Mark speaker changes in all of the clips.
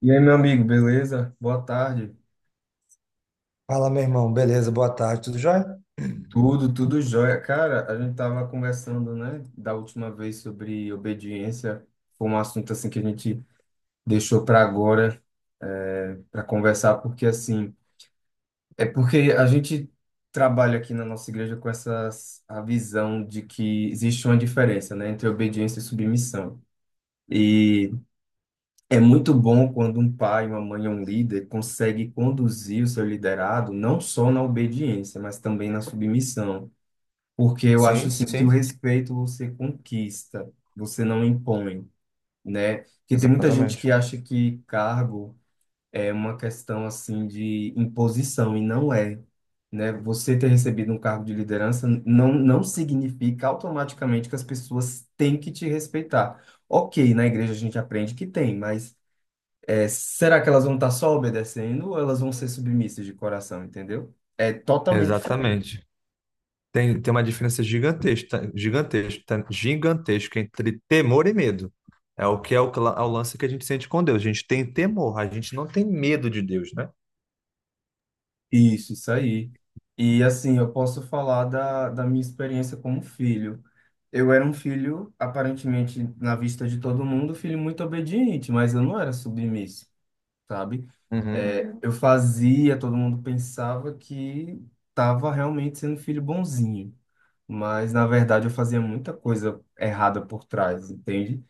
Speaker 1: E aí, meu amigo, beleza? Boa tarde.
Speaker 2: Fala, meu irmão. Beleza, boa tarde, tudo jóia?
Speaker 1: Tudo jóia. Cara, a gente tava conversando, né, da última vez sobre obediência. Foi um assunto assim que a gente deixou para agora, para conversar, porque assim, é porque a gente trabalha aqui na nossa igreja com essa a visão de que existe uma diferença, né, entre obediência e submissão. E é muito bom quando um pai, uma mãe ou um líder consegue conduzir o seu liderado não só na obediência, mas também na submissão. Porque eu acho
Speaker 2: Sim,
Speaker 1: assim que o
Speaker 2: sim,
Speaker 1: respeito você conquista, você não impõe, né? Porque tem muita gente que
Speaker 2: exatamente.
Speaker 1: acha que cargo é uma questão assim de imposição e não é, né? Você ter recebido um cargo de liderança não significa automaticamente que as pessoas têm que te respeitar. Ok, na igreja a gente aprende que tem, mas é, será que elas vão estar só obedecendo ou elas vão ser submissas de coração, entendeu? É totalmente
Speaker 2: Exatamente. Tem, tem uma diferença gigantesca, gigantesca, gigantesca entre temor e medo. É o que é o, é o lance que a gente sente com Deus. A gente tem temor, a gente não tem medo de Deus, né?
Speaker 1: Isso, isso aí. E assim, eu posso falar da minha experiência como filho. Eu era um filho, aparentemente, na vista de todo mundo, filho muito obediente, mas eu não era submisso, sabe?
Speaker 2: Uhum,
Speaker 1: É, Uhum. Eu fazia, todo mundo pensava que estava realmente sendo filho bonzinho, mas na verdade eu fazia muita coisa errada por trás, entende?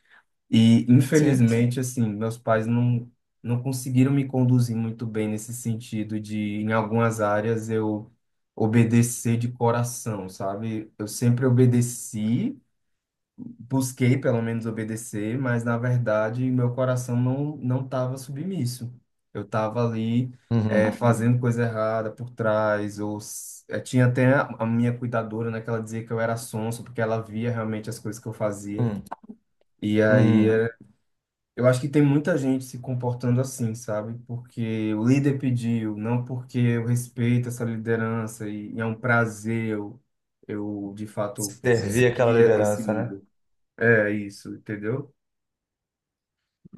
Speaker 1: E,
Speaker 2: sim.
Speaker 1: infelizmente, assim, meus pais não, não conseguiram me conduzir muito bem nesse sentido de, em algumas áreas, eu obedecer de coração, sabe? Eu sempre obedeci, busquei pelo menos obedecer, mas, na verdade, meu coração não estava submisso. Eu estava ali,
Speaker 2: Uhum,
Speaker 1: fazendo coisa errada por trás, ou tinha até a minha cuidadora, né, que ela dizia que eu era sonso, porque ela via realmente as coisas que eu fazia.
Speaker 2: uhum,
Speaker 1: E aí
Speaker 2: uhum.
Speaker 1: eu acho que tem muita gente se comportando assim, sabe? Porque o líder pediu, não porque eu respeito essa liderança e é um prazer eu, de fato,
Speaker 2: Servir aquela
Speaker 1: seguir esse
Speaker 2: liderança.
Speaker 1: líder. É isso, entendeu?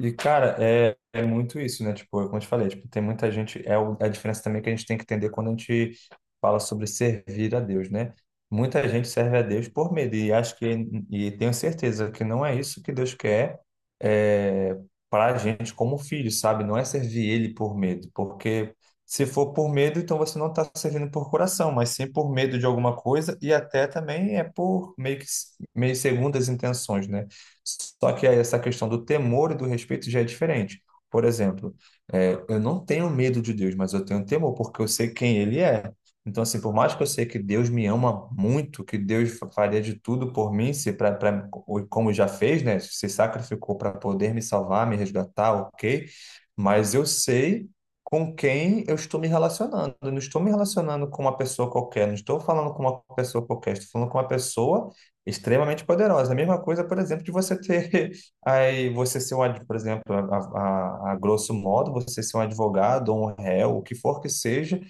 Speaker 2: E, cara, é, é muito isso, né? Tipo, como eu te falei, tipo, tem muita gente. É a diferença também que a gente tem que entender quando a gente fala sobre servir a Deus, né? Muita gente serve a Deus por medo, e acho que, e tenho certeza que não é isso que Deus quer é, para a gente como filho, sabe? Não é servir Ele por medo, porque se for por medo, então você não está servindo por coração, mas sim por medo de alguma coisa, e até também é por meio que meio segundas intenções, né? Só que aí essa questão do temor e do respeito já é diferente. Por exemplo, eu não tenho medo de Deus, mas eu tenho temor porque eu sei quem Ele é. Então, assim, por mais que eu sei que Deus me ama muito, que Deus faria de tudo por mim, se como já fez, né? Se sacrificou para poder me salvar, me resgatar, ok? Mas eu sei com quem eu estou me relacionando. Eu não estou me relacionando com uma pessoa qualquer, não estou falando com uma pessoa qualquer, estou falando com uma pessoa extremamente poderosa. A mesma coisa, por exemplo, de você ter aí você ser um, por exemplo, a grosso modo, você ser um advogado ou um réu, o que for que seja,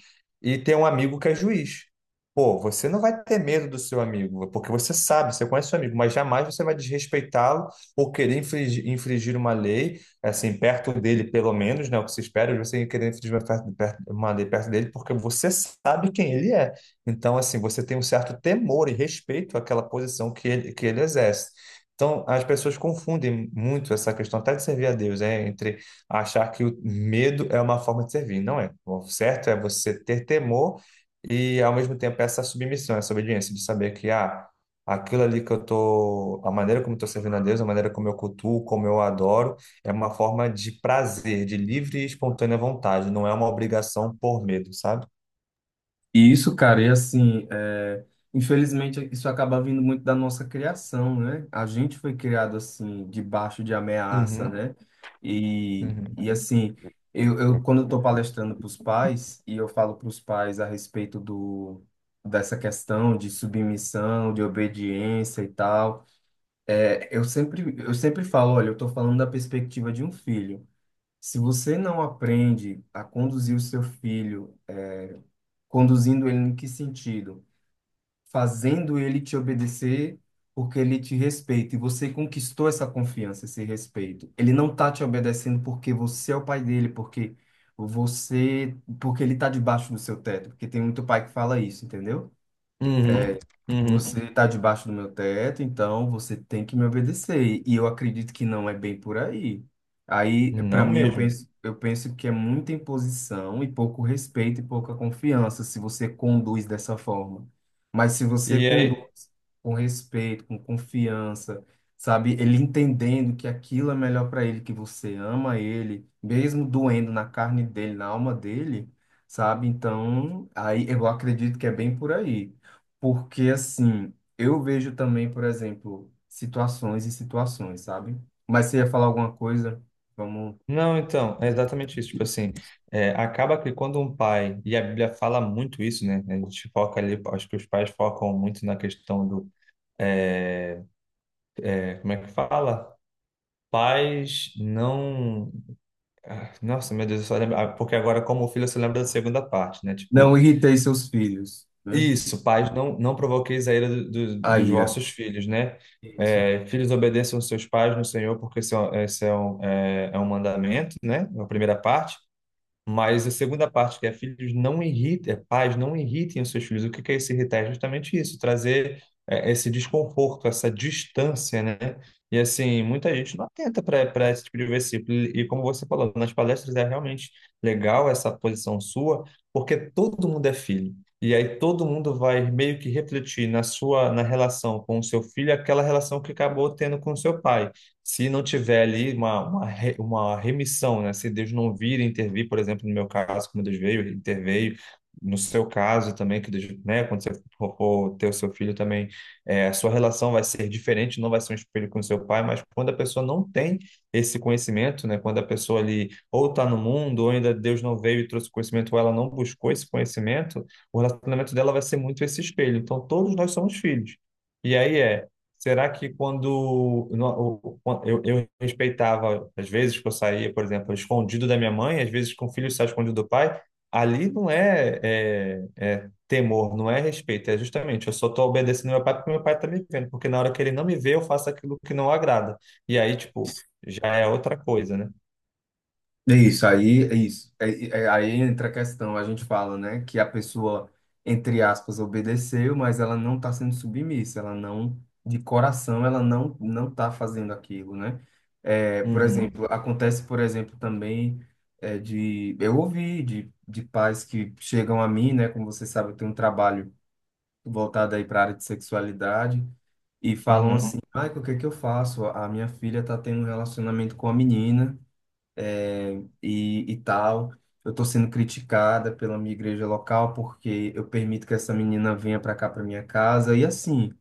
Speaker 2: e ter um amigo que é juiz. Pô, você não vai ter medo do seu amigo, porque você sabe, você conhece seu amigo, mas jamais você vai desrespeitá-lo ou querer infringir uma lei, assim, perto dele, pelo menos, né? O que se espera é de você querer infringir uma, uma lei perto dele, porque você sabe quem ele é. Então, assim, você tem um certo temor e respeito àquela posição que ele exerce. Então, as pessoas confundem muito essa questão até de servir a Deus, entre achar que o medo é uma forma de servir. Não é. O certo é você ter temor e, ao mesmo tempo, essa submissão, essa obediência, de saber que, ah, aquilo ali que eu tô, a maneira como eu tô servindo a Deus, a maneira como eu cultuo, como eu adoro, é uma forma de prazer, de livre e espontânea vontade, não é uma obrigação por medo, sabe?
Speaker 1: E isso, cara, e assim, é, infelizmente isso acaba vindo muito da nossa criação, né? A gente foi criado assim, debaixo de ameaça,
Speaker 2: Uhum,
Speaker 1: né?
Speaker 2: uhum.
Speaker 1: E assim, eu quando eu estou palestrando para os pais, e eu falo para os pais a respeito do, dessa questão de submissão, de obediência e tal, é, eu sempre falo, olha, eu estou falando da perspectiva de um filho. Se você não aprende a conduzir o seu filho, conduzindo ele em que sentido? Fazendo ele te obedecer porque ele te respeita e você conquistou essa confiança, esse respeito. Ele não tá te obedecendo porque você é o pai dele, porque você, porque ele tá debaixo do seu teto, porque tem muito pai que fala isso, entendeu?
Speaker 2: Uhum,
Speaker 1: É,
Speaker 2: uhum.
Speaker 1: você está debaixo do meu teto, então você tem que me obedecer. E eu acredito que não é bem por aí. Aí, para
Speaker 2: Não
Speaker 1: mim,
Speaker 2: mesmo.
Speaker 1: eu penso que é muita imposição e pouco respeito e pouca confiança se você conduz dessa forma. Mas se você É.
Speaker 2: E aí,
Speaker 1: conduz com respeito, com confiança, sabe, ele entendendo que aquilo é melhor para ele, que você ama ele, mesmo doendo na carne dele, na alma dele, sabe? Então, aí eu acredito que é bem por aí. Porque, assim, eu vejo também, por exemplo, situações e situações, sabe? Mas você ia falar alguma coisa? Vamos.
Speaker 2: não, então, é exatamente isso. Tipo assim, acaba que quando um pai, e a Bíblia fala muito isso, né? A gente foca ali, acho que os pais focam muito na questão do, como é que fala? Pais não. Ah, nossa, meu Deus, eu só lembro. Ah, porque agora, como filho, você lembra da segunda parte, né? Tipo,
Speaker 1: Não irritei seus filhos, né?
Speaker 2: isso, pais, não, não provoqueis a ira
Speaker 1: A
Speaker 2: dos
Speaker 1: ira.
Speaker 2: vossos filhos, né?
Speaker 1: Isso.
Speaker 2: É, filhos, obedeçam aos seus pais no Senhor, porque esse é um mandamento, né? É a primeira parte. Mas a segunda parte, que é filhos não irritem, é, pais não irritem os seus filhos. O que que é esse irritar? É justamente isso, trazer esse desconforto, essa distância, né? E assim, muita gente não atenta para esse tipo de versículo. E como você falou, nas palestras é realmente legal essa posição sua, porque todo mundo é filho. E aí todo mundo vai meio que refletir na sua na relação com o seu filho aquela relação que acabou tendo com o seu pai se não tiver ali uma, uma remissão, né? Se Deus não vir e intervir, por exemplo, no meu caso, como Deus veio, interveio, no seu caso também, que Deus, né? Quando você for ter o seu filho também, a sua relação vai ser diferente, não vai ser um espelho com o seu pai, mas quando a pessoa não tem esse conhecimento, né? Quando a pessoa ali ou está no mundo, ou ainda Deus não veio e trouxe conhecimento, ou ela não buscou esse conhecimento, o relacionamento dela vai ser muito esse espelho. Então, todos nós somos filhos. E aí é. Será que quando eu respeitava, às vezes que eu saía, por exemplo, escondido da minha mãe, às vezes que um filho sai escondido do pai, ali não é, é, é temor, não é respeito, é justamente eu só estou obedecendo meu pai porque meu pai está me vendo, porque na hora que ele não me vê, eu faço aquilo que não agrada. E aí, tipo, já é outra coisa, né?
Speaker 1: É isso, aí é isso. Aí entra a questão, a gente fala, né, que a pessoa, entre aspas, obedeceu, mas ela não está sendo submissa, ela não, de coração, ela não está fazendo aquilo, né? É, por
Speaker 2: Uhum,
Speaker 1: exemplo, acontece, por exemplo, também é, de eu ouvi de pais que chegam a mim, né, como você sabe, eu tenho um trabalho voltado aí para a área de sexualidade e falam
Speaker 2: uhum,
Speaker 1: assim, ai, o que que eu faço? A minha filha está tendo um relacionamento com a menina e tal. Eu tô sendo criticada pela minha igreja local porque eu permito que essa menina venha para cá, para minha casa. E assim.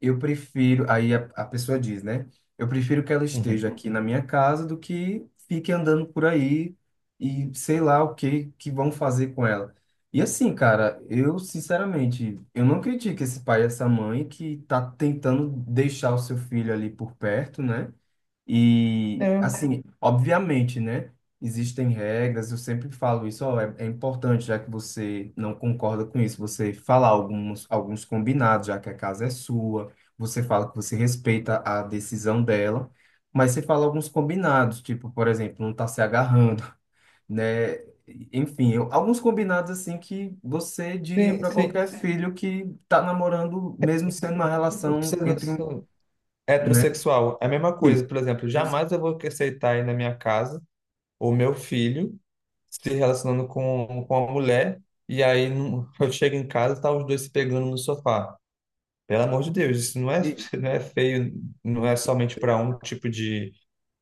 Speaker 1: Eu prefiro, aí a pessoa diz, né? Eu prefiro que ela esteja
Speaker 2: uhum.
Speaker 1: aqui na minha casa do que fique andando por aí e sei lá o que que vão fazer com ela. E assim, cara, eu sinceramente, eu não critico esse pai e essa mãe que tá tentando deixar o seu filho ali por perto, né? E
Speaker 2: É,
Speaker 1: assim, obviamente, né? Existem regras, eu sempre falo isso, ó, é importante, já que você não concorda com isso, você falar alguns combinados, já que a casa é sua você fala que você respeita a decisão dela, mas você fala alguns combinados, tipo, por exemplo, não tá se agarrando, né? Enfim, eu- alguns combinados assim que você diria
Speaker 2: sim,
Speaker 1: para
Speaker 2: sim.
Speaker 1: qualquer filho que tá namorando, mesmo sendo uma
Speaker 2: Você...
Speaker 1: relação entre, um- né?
Speaker 2: Heterossexual, é a mesma
Speaker 1: Isso.
Speaker 2: coisa. Por exemplo, jamais eu vou aceitar ir na minha casa o meu filho se relacionando com a mulher, e aí eu chego em casa e tá os dois se pegando no sofá. Pelo amor de Deus, isso não é, não é feio, não é somente para um tipo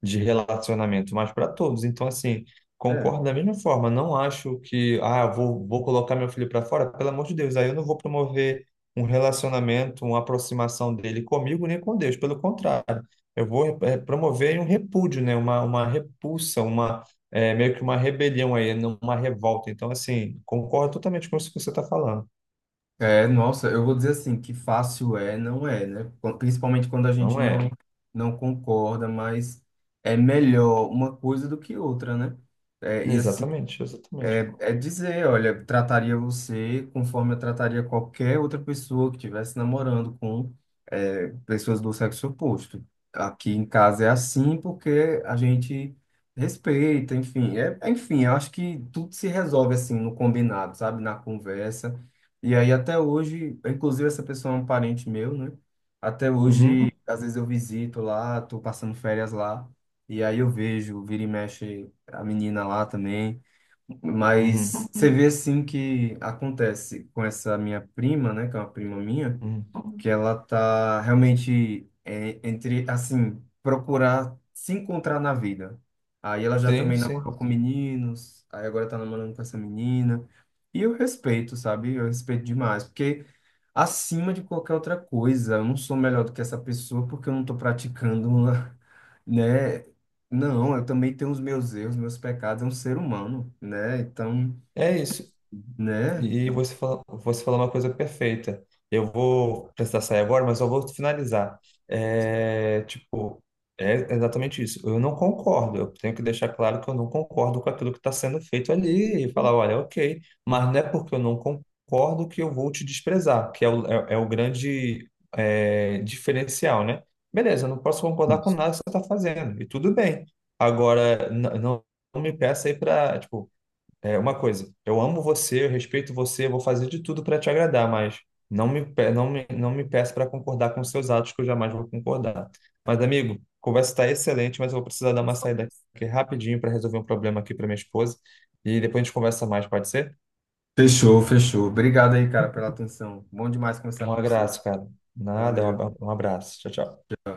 Speaker 2: de relacionamento, mas para todos. Então, assim,
Speaker 1: É.
Speaker 2: concordo da mesma forma. Não acho que, ah, eu vou colocar meu filho para fora, pelo amor de Deus, aí eu não vou promover um relacionamento, uma aproximação dele comigo nem com Deus. Pelo contrário, eu vou promover um repúdio, né? Uma repulsa, uma, meio que uma rebelião aí, uma revolta. Então, assim, concordo totalmente com isso que você está falando.
Speaker 1: É, nossa, eu vou dizer assim, que fácil é, não é, né? Quan- Principalmente quando a gente
Speaker 2: Não
Speaker 1: não
Speaker 2: é?
Speaker 1: não concorda, mas é melhor uma coisa do que outra, né? É, e assim,
Speaker 2: Exatamente,
Speaker 1: É,
Speaker 2: exatamente.
Speaker 1: é dizer, olha, trataria você conforme eu trataria qualquer outra pessoa que estivesse namorando com é, pessoas do sexo oposto. Aqui em casa é assim porque a gente respeita, enfim. É, enfim, eu acho que tudo se resolve assim no combinado, sabe? Na conversa. E aí até hoje, inclusive essa pessoa é um parente meu, né? Até hoje,
Speaker 2: Uhum,
Speaker 1: às vezes eu visito lá, tô passando férias lá. E aí eu vejo, vira e mexe a menina lá também. Mas
Speaker 2: uhum,
Speaker 1: você vê assim que acontece com essa minha prima, né, que é uma prima minha,
Speaker 2: uhum.
Speaker 1: que ela tá realmente é, entre assim, procurar se encontrar na vida. Aí ela já
Speaker 2: Sim,
Speaker 1: também namorou
Speaker 2: sim.
Speaker 1: com meninos, aí agora tá namorando com essa menina. E eu respeito, sabe? Eu respeito demais, porque acima de qualquer outra coisa. Eu não sou melhor do que essa pessoa porque eu não estou praticando, né? Não, eu também tenho os meus erros, meus pecados, é um ser humano, né? Então,
Speaker 2: É isso.
Speaker 1: né?
Speaker 2: E você falou uma coisa perfeita. Eu vou precisar sair agora, mas eu vou finalizar. É, tipo, é exatamente isso. Eu não concordo. Eu tenho que deixar claro que eu não concordo com aquilo que está sendo feito ali e falar, olha, ok, mas não é porque eu não concordo que eu vou te desprezar, que é o, é o grande diferencial, né? Beleza, eu não posso concordar com nada que você está fazendo, e tudo bem. Agora, não não me peça aí para, é uma coisa, eu amo você, eu respeito você, eu vou fazer de tudo para te agradar, mas não me peça para concordar com seus atos, que eu jamais vou concordar. Mas, amigo, a conversa está excelente, mas eu vou precisar dar uma saída aqui rapidinho para resolver um problema aqui para minha esposa. E depois a gente conversa mais, pode ser?
Speaker 1: Fechou, fechou. Obrigado aí, cara, pela atenção. Bom demais conversar
Speaker 2: Um
Speaker 1: com você.
Speaker 2: abraço, cara. Nada, um
Speaker 1: Valeu.
Speaker 2: um abraço. Tchau, tchau.